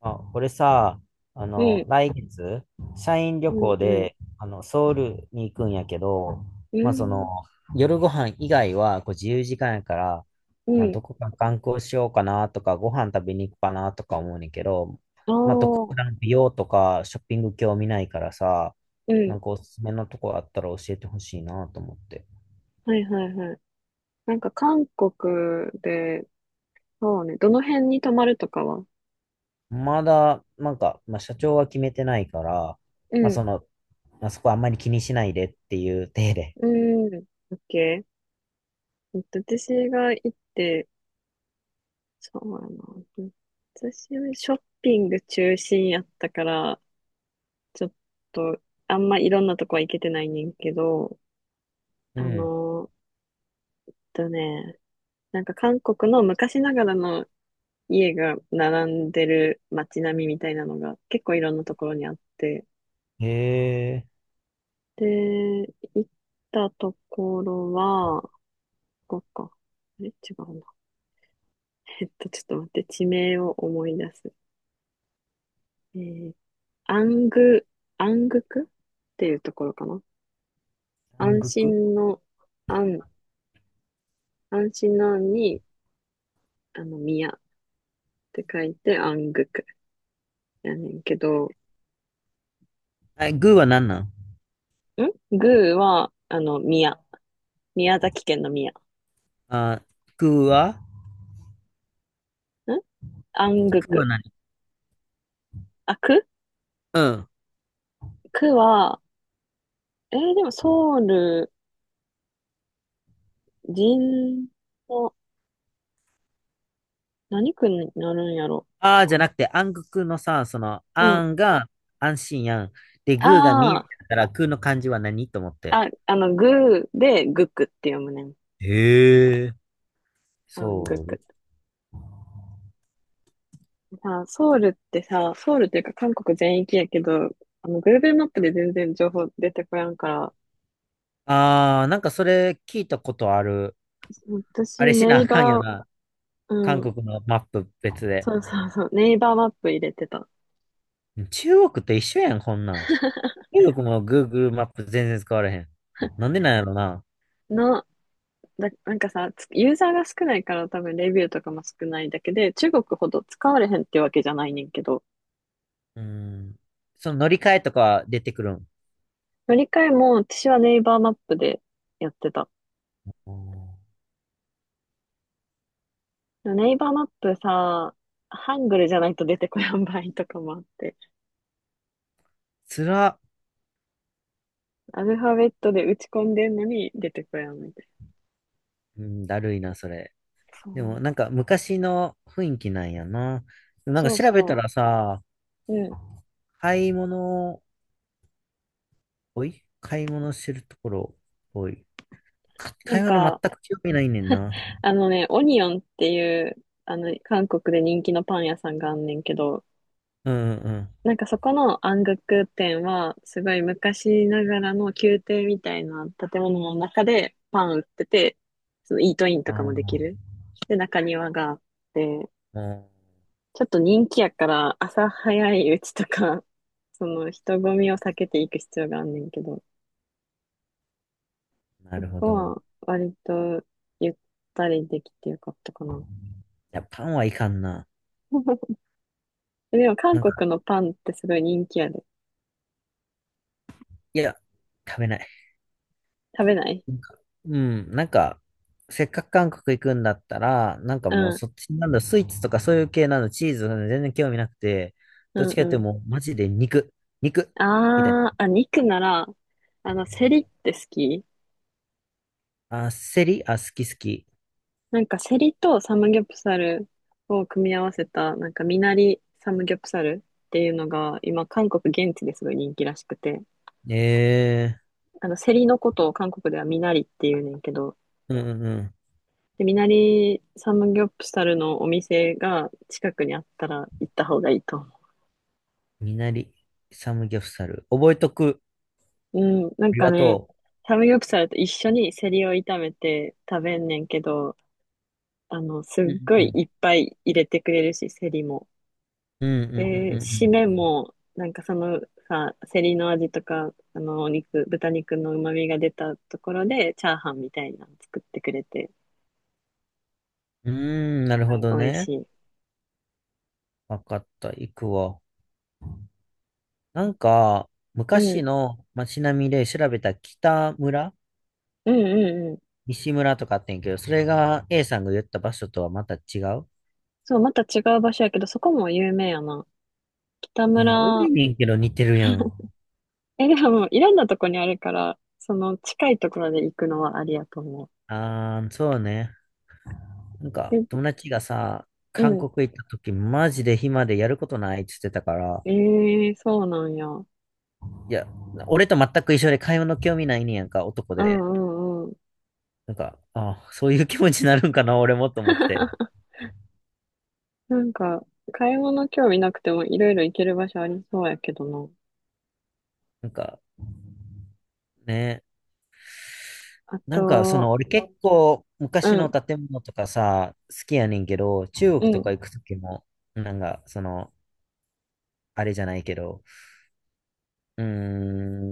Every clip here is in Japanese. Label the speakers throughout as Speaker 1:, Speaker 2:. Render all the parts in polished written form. Speaker 1: あ、俺さ、
Speaker 2: うん、
Speaker 1: 来月、社員旅
Speaker 2: うん、
Speaker 1: 行
Speaker 2: うん、
Speaker 1: で、ソウルに行くんやけど、
Speaker 2: う
Speaker 1: まあ、その、
Speaker 2: ん、
Speaker 1: 夜ご飯以外は、こう、自由時間やから、
Speaker 2: う
Speaker 1: まあ、
Speaker 2: ん、
Speaker 1: どこか観光しようかなとか、ご飯食べに行くかなとか思うねんけど、
Speaker 2: あ
Speaker 1: まあ、特
Speaker 2: あ、
Speaker 1: 段美容とかショッピング興味ないからさ、
Speaker 2: う
Speaker 1: な
Speaker 2: ん、
Speaker 1: んかおすすめのとこあったら教えてほしいなと思って。
Speaker 2: はいはいはい。なんか韓国で、そうね、どの辺に泊まるとかは？
Speaker 1: まだ、なんか、まあ、社長は決めてないから、
Speaker 2: う
Speaker 1: まあ、
Speaker 2: ん、
Speaker 1: その、まあ、そこはあんまり気にしないでっていう体で。
Speaker 2: うん、オッケー。私が行って、そうやな。私はショッピング中心やったから、ちょっと、あんまいろんなとこは行けてないねんけど、
Speaker 1: う
Speaker 2: あ
Speaker 1: ん。
Speaker 2: のーえっとね、なんか韓国の昔ながらの家が並んでる街並みみたいなのが結構いろんなところにあって、
Speaker 1: へえ、
Speaker 2: で、行ったところは、ここか。あれ違うな。ちょっと待って、地名を思い出す。えー、アング、アングクっていうところかな。
Speaker 1: 南
Speaker 2: 安
Speaker 1: 国。
Speaker 2: 心の、安、安心の安に、宮って書いて、安グクやねんけど、
Speaker 1: あ、グーは何なん。
Speaker 2: グーは、宮。宮崎県の宮。
Speaker 1: あ、グーは
Speaker 2: ん安グ
Speaker 1: グーは
Speaker 2: ク。
Speaker 1: 何。
Speaker 2: あ、く
Speaker 1: うん。
Speaker 2: 区は、でもソウル、人の、何区になるんやろ。
Speaker 1: あーじゃなくて、暗黒のさ、その、
Speaker 2: う
Speaker 1: あ
Speaker 2: ん。
Speaker 1: んが安心やん。で、グーが見え
Speaker 2: あ
Speaker 1: たから、グーの漢字は何と思って。
Speaker 2: ああ、グーでグクって読むねん。
Speaker 1: へえ。
Speaker 2: あ
Speaker 1: そ
Speaker 2: ー、グ
Speaker 1: う。
Speaker 2: ク。ソウルってさ、ソウルっていうか韓国全域やけど、Google マップで全然情報出てこやんから、
Speaker 1: ああ、なんかそれ聞いたことある。あ
Speaker 2: 私、
Speaker 1: れしな
Speaker 2: ネイ
Speaker 1: あ
Speaker 2: バ
Speaker 1: かんよな。
Speaker 2: ー、
Speaker 1: 韓
Speaker 2: うん、
Speaker 1: 国のマップ別で。
Speaker 2: そうそうそう、ネイバーマップ入れてた。
Speaker 1: 中国と一緒やん、こんなん。中国も Google マップ全然使われへん。なんでなんやろな。
Speaker 2: の、なんかさ、ユーザーが少ないから多分レビューとかも少ないだけで、中国ほど使われへんってわけじゃないねんけど、
Speaker 1: うん。その乗り換えとかは出てくるん。
Speaker 2: 乗り換えも、私はネイバーマップでやってた。
Speaker 1: おー、
Speaker 2: ネイバーマップさ、ハングルじゃないと出てこやん場合とかもあって、
Speaker 1: つら。
Speaker 2: アルファベットで打ち込んでんのに出てこやんみたい
Speaker 1: うん、だるいな、それ。
Speaker 2: な。そ
Speaker 1: でも、
Speaker 2: う。
Speaker 1: なんか昔の雰囲気なんやな。でもなんか
Speaker 2: そう
Speaker 1: 調べた
Speaker 2: そ
Speaker 1: らさ、
Speaker 2: う。うん。
Speaker 1: 買い物、おい買い物してるところ、おい。
Speaker 2: な
Speaker 1: 買
Speaker 2: ん
Speaker 1: い物全
Speaker 2: か、
Speaker 1: く興味ないねんな。
Speaker 2: あのね、オニオンっていう、韓国で人気のパン屋さんがあんねんけど、
Speaker 1: うんうんうん。
Speaker 2: なんかそこの暗黒店は、すごい昔ながらの宮廷みたいな建物の中でパン売ってて、そのイートインと
Speaker 1: あ
Speaker 2: か
Speaker 1: あ、
Speaker 2: もできる。で、中庭があって、
Speaker 1: う
Speaker 2: ちょっと人気やから朝早いうちとか、その人混みを避けていく必要があんねんけど、
Speaker 1: ん、な
Speaker 2: そ
Speaker 1: るほ
Speaker 2: こ
Speaker 1: ど。い
Speaker 2: は割とゆったりできてよかったかな。
Speaker 1: や、パンはいかんな。
Speaker 2: でも韓
Speaker 1: なんか、
Speaker 2: 国のパンってすごい人気やで。
Speaker 1: いや、食べない。
Speaker 2: 食べない。
Speaker 1: なんか、うん、なんか、せっかく韓国行くんだったら、なんか
Speaker 2: う
Speaker 1: もう
Speaker 2: ん、
Speaker 1: そっちなんだ、スイーツとかそういう系なの、チーズ、全然興味なくて、
Speaker 2: う
Speaker 1: どっち
Speaker 2: ん、
Speaker 1: かって
Speaker 2: う
Speaker 1: いうと
Speaker 2: ん、
Speaker 1: もうマジで肉、肉、みたいな。
Speaker 2: あーあ、肉なら、セリって好き？
Speaker 1: あ、セリ、あ、好き好き。
Speaker 2: なんかセリとサムギョプサルを組み合わせた、なんかミナリサムギョプサルっていうのが、今、韓国現地ですごい人気らしくて、
Speaker 1: ええ。
Speaker 2: セリのことを韓国ではミナリっていうねんけど、
Speaker 1: うんうんうん。
Speaker 2: で、ミナリサムギョプサルのお店が近くにあったら行った方がいいと思
Speaker 1: みなり、サムギョプサル。覚えとく。
Speaker 2: う。うん、なん
Speaker 1: あり
Speaker 2: か
Speaker 1: が
Speaker 2: ね、
Speaker 1: と
Speaker 2: サムギョプサルと一緒にセリを炒めて食べんねんけど、すっ
Speaker 1: う。う
Speaker 2: ご
Speaker 1: んう
Speaker 2: い
Speaker 1: ん
Speaker 2: いっぱい入れてくれるし、セリも。
Speaker 1: うん。うん
Speaker 2: で、
Speaker 1: う
Speaker 2: 締め
Speaker 1: ん
Speaker 2: も、なんかそのさ、セリの味とか、お肉、豚肉の旨味が出たところで、チャーハンみたいなの作ってくれて、
Speaker 1: うんうん。うーん、なる
Speaker 2: は
Speaker 1: ほ
Speaker 2: い、
Speaker 1: ど
Speaker 2: 美味
Speaker 1: ね。
Speaker 2: しい。
Speaker 1: わかった。行くわ。なんか、
Speaker 2: うん、
Speaker 1: 昔
Speaker 2: う
Speaker 1: の街並みで調べた北村、
Speaker 2: ん、うん、うん。
Speaker 1: 西村とかあってんけど、それが A さんが言った場所とはまた違う。
Speaker 2: そう、また違う場所やけど、そこも有名やな。北
Speaker 1: え、多い
Speaker 2: 村、
Speaker 1: ねんけど似てるやん。
Speaker 2: え、でも、いろんなとこにあるから、その近いところで行くのはありやと思う。
Speaker 1: あー、そうね。なんか、
Speaker 2: で、
Speaker 1: 友達がさ、
Speaker 2: う
Speaker 1: 韓
Speaker 2: ん。
Speaker 1: 国行った時、マジで暇でやることないって言ってたから、
Speaker 2: ええ、そうなんや。う
Speaker 1: いや、俺と全く一緒で買い物興味ないねんやんか、男
Speaker 2: ん、
Speaker 1: で。
Speaker 2: うん。
Speaker 1: なんか、あ、そういう気持ちになるんかな、俺もと思って。
Speaker 2: なんか、買い物興味なくてもいろいろ行ける場所ありそうやけどな。
Speaker 1: なんか、ね。
Speaker 2: あ
Speaker 1: なんか、そ
Speaker 2: と、
Speaker 1: の、俺結構、
Speaker 2: う
Speaker 1: 昔の
Speaker 2: ん、
Speaker 1: 建物とかさ、好きやねんけど、中
Speaker 2: う
Speaker 1: 国とか
Speaker 2: ん。
Speaker 1: 行く時も、なんか、その、あれじゃないけど、うー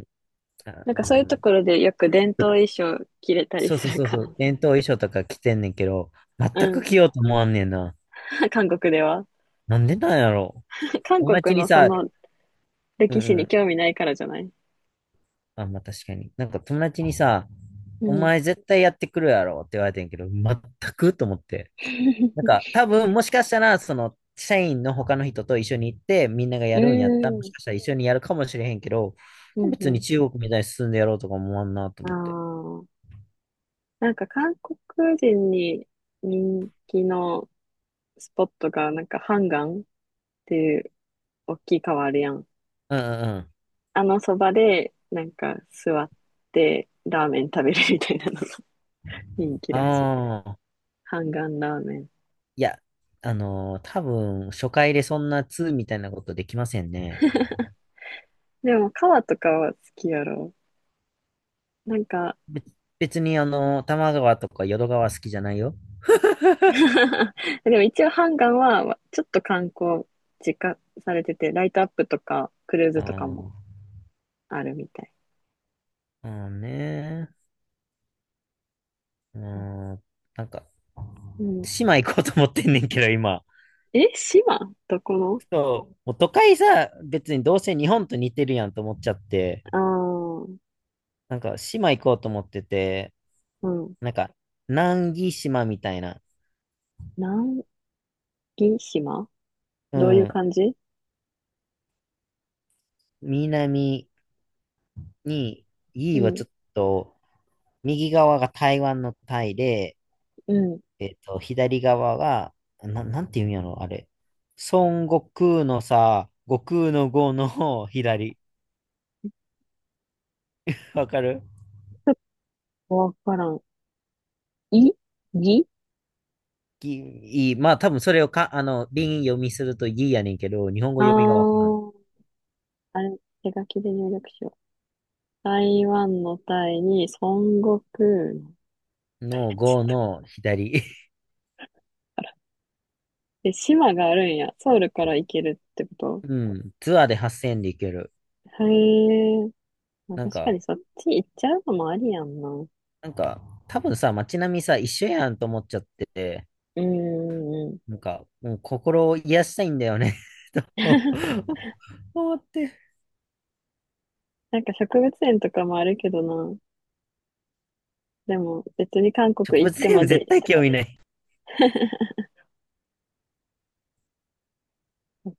Speaker 1: ん。あ、
Speaker 2: なんか
Speaker 1: う
Speaker 2: そういうと
Speaker 1: ん、
Speaker 2: ころでよく伝統衣装着れたり
Speaker 1: そう
Speaker 2: す
Speaker 1: そう
Speaker 2: る
Speaker 1: そう
Speaker 2: か
Speaker 1: そ
Speaker 2: らさ。
Speaker 1: う。伝統衣装とか着てんねんけど、全
Speaker 2: う
Speaker 1: く
Speaker 2: ん。
Speaker 1: 着ようと思わんねんな。
Speaker 2: 韓国では。
Speaker 1: なんでなんやろ。
Speaker 2: 韓
Speaker 1: 友達
Speaker 2: 国
Speaker 1: に
Speaker 2: のそ
Speaker 1: さ、
Speaker 2: の
Speaker 1: う
Speaker 2: 歴史
Speaker 1: んう
Speaker 2: に
Speaker 1: ん。
Speaker 2: 興味ないからじゃない？
Speaker 1: あ、まあ確かに。なんか友達にさ、
Speaker 2: う
Speaker 1: お
Speaker 2: ん。
Speaker 1: 前絶対やってくるやろって言われてんけど、全くと思って。なん か多分もしかしたら、その、社員の他の人と一緒に行って、みんなが
Speaker 2: う
Speaker 1: やるんやったら、も
Speaker 2: ん。
Speaker 1: しかしたら一緒にやるかもしれへんけど、
Speaker 2: うん、
Speaker 1: 別に
Speaker 2: う
Speaker 1: 中国みたいに進んでやろうとか思わんなと
Speaker 2: ん。
Speaker 1: 思って。
Speaker 2: ああ。なんか韓国人に人気のスポットが、なんかハンガンっていう大きい川あるやん。
Speaker 1: うんうんうん。
Speaker 2: あのそばで、なんか座ってラーメン食べるみたいなのが 人気らしい。
Speaker 1: ああ。
Speaker 2: ハンガンラーメン。
Speaker 1: いや、多分、初回でそんな2みたいなことできませんね。
Speaker 2: でも、川とかは好きやろ。なんか
Speaker 1: べ別に、多摩川とか淀川好きじゃないよ。
Speaker 2: でも一応ハンガンは、ちょっと観光実家されてて、ライトアップとか、クルー
Speaker 1: あ
Speaker 2: ズとかも
Speaker 1: ー、
Speaker 2: あるみたい。
Speaker 1: まあーねー。うーん、なんか、
Speaker 2: うん。
Speaker 1: 島行こうと思ってんねんけど、今。
Speaker 2: え、島どこの？
Speaker 1: そう、もう都会さ、別にどうせ日本と似てるやんと思っちゃって、
Speaker 2: ああー、
Speaker 1: なんか、島行こうと思ってて、
Speaker 2: うん。
Speaker 1: なんか、南紀島みたいな、
Speaker 2: 南紀島
Speaker 1: う
Speaker 2: どういう
Speaker 1: ん、
Speaker 2: 感じ？
Speaker 1: 南に、い
Speaker 2: う
Speaker 1: いは
Speaker 2: ん、
Speaker 1: ちょっと、右側が台湾のタイで、
Speaker 2: うん。
Speaker 1: 左側が、なんていうんやろ、あれ。孫悟空のさ、悟空の悟の左。わかる。
Speaker 2: わからん。いぎ、
Speaker 1: ぎ、いい。まあ、多分それを、か、輪読みするといいやねんけど、日本語
Speaker 2: ああ
Speaker 1: 読みがわからん。
Speaker 2: ー、あれ、手書きで入力しよう。台湾のタイに孫悟空の。
Speaker 1: の悟の左。
Speaker 2: え、島があるんや。ソウルから行けるってこ と？
Speaker 1: うん。ツアーで8,000でいける。
Speaker 2: へえ。まあ、
Speaker 1: なん
Speaker 2: 確か
Speaker 1: か、
Speaker 2: にそっち行っちゃうのもありやんな。うん、
Speaker 1: なんか、多分さ、街並みさ、一緒やんと思っちゃってて、
Speaker 2: うん、うん。
Speaker 1: なんか、もう心を癒したいんだよね と思って。
Speaker 2: なんか植物園とかもあるけどな。でも別に韓
Speaker 1: 植
Speaker 2: 国
Speaker 1: 物
Speaker 2: 行ってま
Speaker 1: 園絶
Speaker 2: で。
Speaker 1: 対興味ない。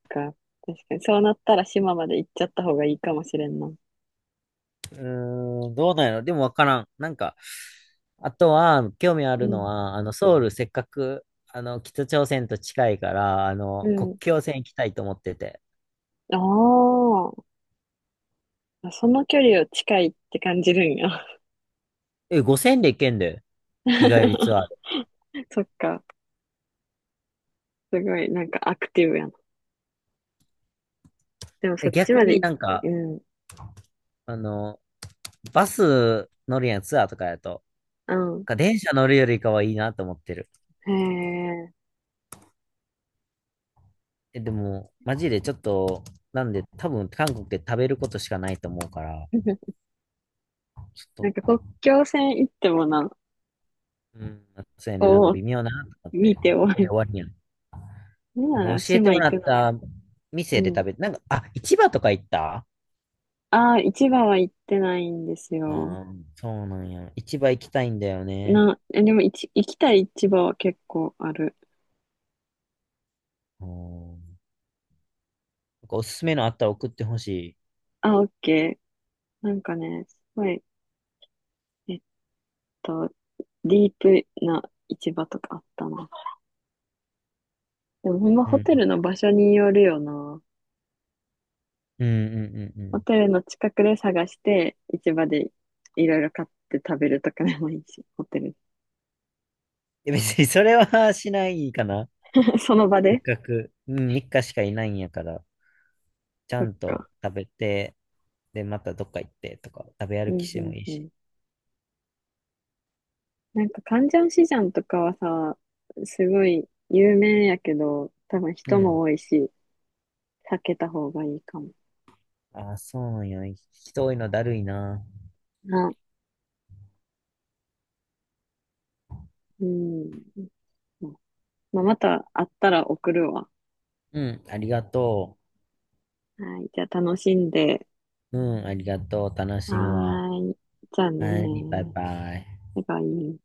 Speaker 2: か。確かにそうなったら島まで行っちゃった方がいいかもしれんな。
Speaker 1: うーん、どうなんやろ。でもわからん。なんか、あとは、興味あ
Speaker 2: う
Speaker 1: るの
Speaker 2: ん。
Speaker 1: は、ソウル、せっかく、北朝鮮と近いから、
Speaker 2: う
Speaker 1: 国
Speaker 2: ん。
Speaker 1: 境線行きたいと思ってて。
Speaker 2: ああ、その距離を近いって感じるんや。
Speaker 1: え、5,000で行けんで、日帰りツアーで。
Speaker 2: そっか。すごい、なんかアクティブやな。でもそ
Speaker 1: え、
Speaker 2: っち
Speaker 1: 逆
Speaker 2: ま
Speaker 1: に
Speaker 2: で、
Speaker 1: なんか、
Speaker 2: うん、
Speaker 1: あの、バス乗るやん、ツアーとかやと。
Speaker 2: うん。
Speaker 1: なんか電車乗るよりかはいいなと思ってる。
Speaker 2: へ
Speaker 1: え、でも、マジでちょっと、なんで、多分、韓国で食べることしかないと思うから、
Speaker 2: え。
Speaker 1: ちょ
Speaker 2: な
Speaker 1: っ
Speaker 2: んか
Speaker 1: と、
Speaker 2: 国境線行ってもな、
Speaker 1: うん、そうやね、なんか
Speaker 2: を
Speaker 1: 微妙だなと思って、
Speaker 2: 見
Speaker 1: こ
Speaker 2: てお
Speaker 1: こで
Speaker 2: い。
Speaker 1: 終わりやん。
Speaker 2: なん
Speaker 1: なん
Speaker 2: な
Speaker 1: か
Speaker 2: ら
Speaker 1: 教えて
Speaker 2: 島
Speaker 1: も
Speaker 2: 行
Speaker 1: ら
Speaker 2: く
Speaker 1: っ
Speaker 2: の。
Speaker 1: た
Speaker 2: う
Speaker 1: 店で食
Speaker 2: ん。
Speaker 1: べて、なんか、あ、市場とか行った。
Speaker 2: ああ、市場は行ってないんです
Speaker 1: う
Speaker 2: よ。
Speaker 1: ん、そうなんや。市場行きたいんだよね。
Speaker 2: な、え、でもいち行きたい市場は結構ある。
Speaker 1: うん。なんかおすすめのあったら送ってほしい。
Speaker 2: あ、オッケー。なんかね、すごい、えっと、ディープな市場とかあったな。でもほんま
Speaker 1: う
Speaker 2: ホ
Speaker 1: ん。
Speaker 2: テルの場所によるよな。
Speaker 1: うんうんうんう
Speaker 2: ホ
Speaker 1: ん。
Speaker 2: テルの近くで探して、市場でいろいろ買って食べるとかでもいいし、ホテル。
Speaker 1: え、別にそれは しないかな。
Speaker 2: その場
Speaker 1: せっ
Speaker 2: で、
Speaker 1: かく、うん、3日しかいないんやから、ちゃ
Speaker 2: そっ
Speaker 1: ん
Speaker 2: か。
Speaker 1: と食べて、で、またどっか行ってとか、食べ
Speaker 2: う
Speaker 1: 歩き
Speaker 2: ん、
Speaker 1: し
Speaker 2: う
Speaker 1: ても
Speaker 2: ん、
Speaker 1: いい
Speaker 2: う
Speaker 1: し。
Speaker 2: ん。なんか、カンジャンシジャンとかはさ、すごい有名やけど、多分
Speaker 1: う
Speaker 2: 人も
Speaker 1: ん。
Speaker 2: 多いし、避けた方がいいかも。
Speaker 1: ああ、そうなんや。人多いのだるいな。
Speaker 2: な、うん。まあ、また会ったら送るわ。
Speaker 1: うん、ありがと
Speaker 2: はい。じゃあ楽しんで。
Speaker 1: う。うん、ありがとう。楽
Speaker 2: は
Speaker 1: しむわ。
Speaker 2: ーい。じゃあね
Speaker 1: はい、バイ
Speaker 2: ー。
Speaker 1: バイ。
Speaker 2: バイバイ。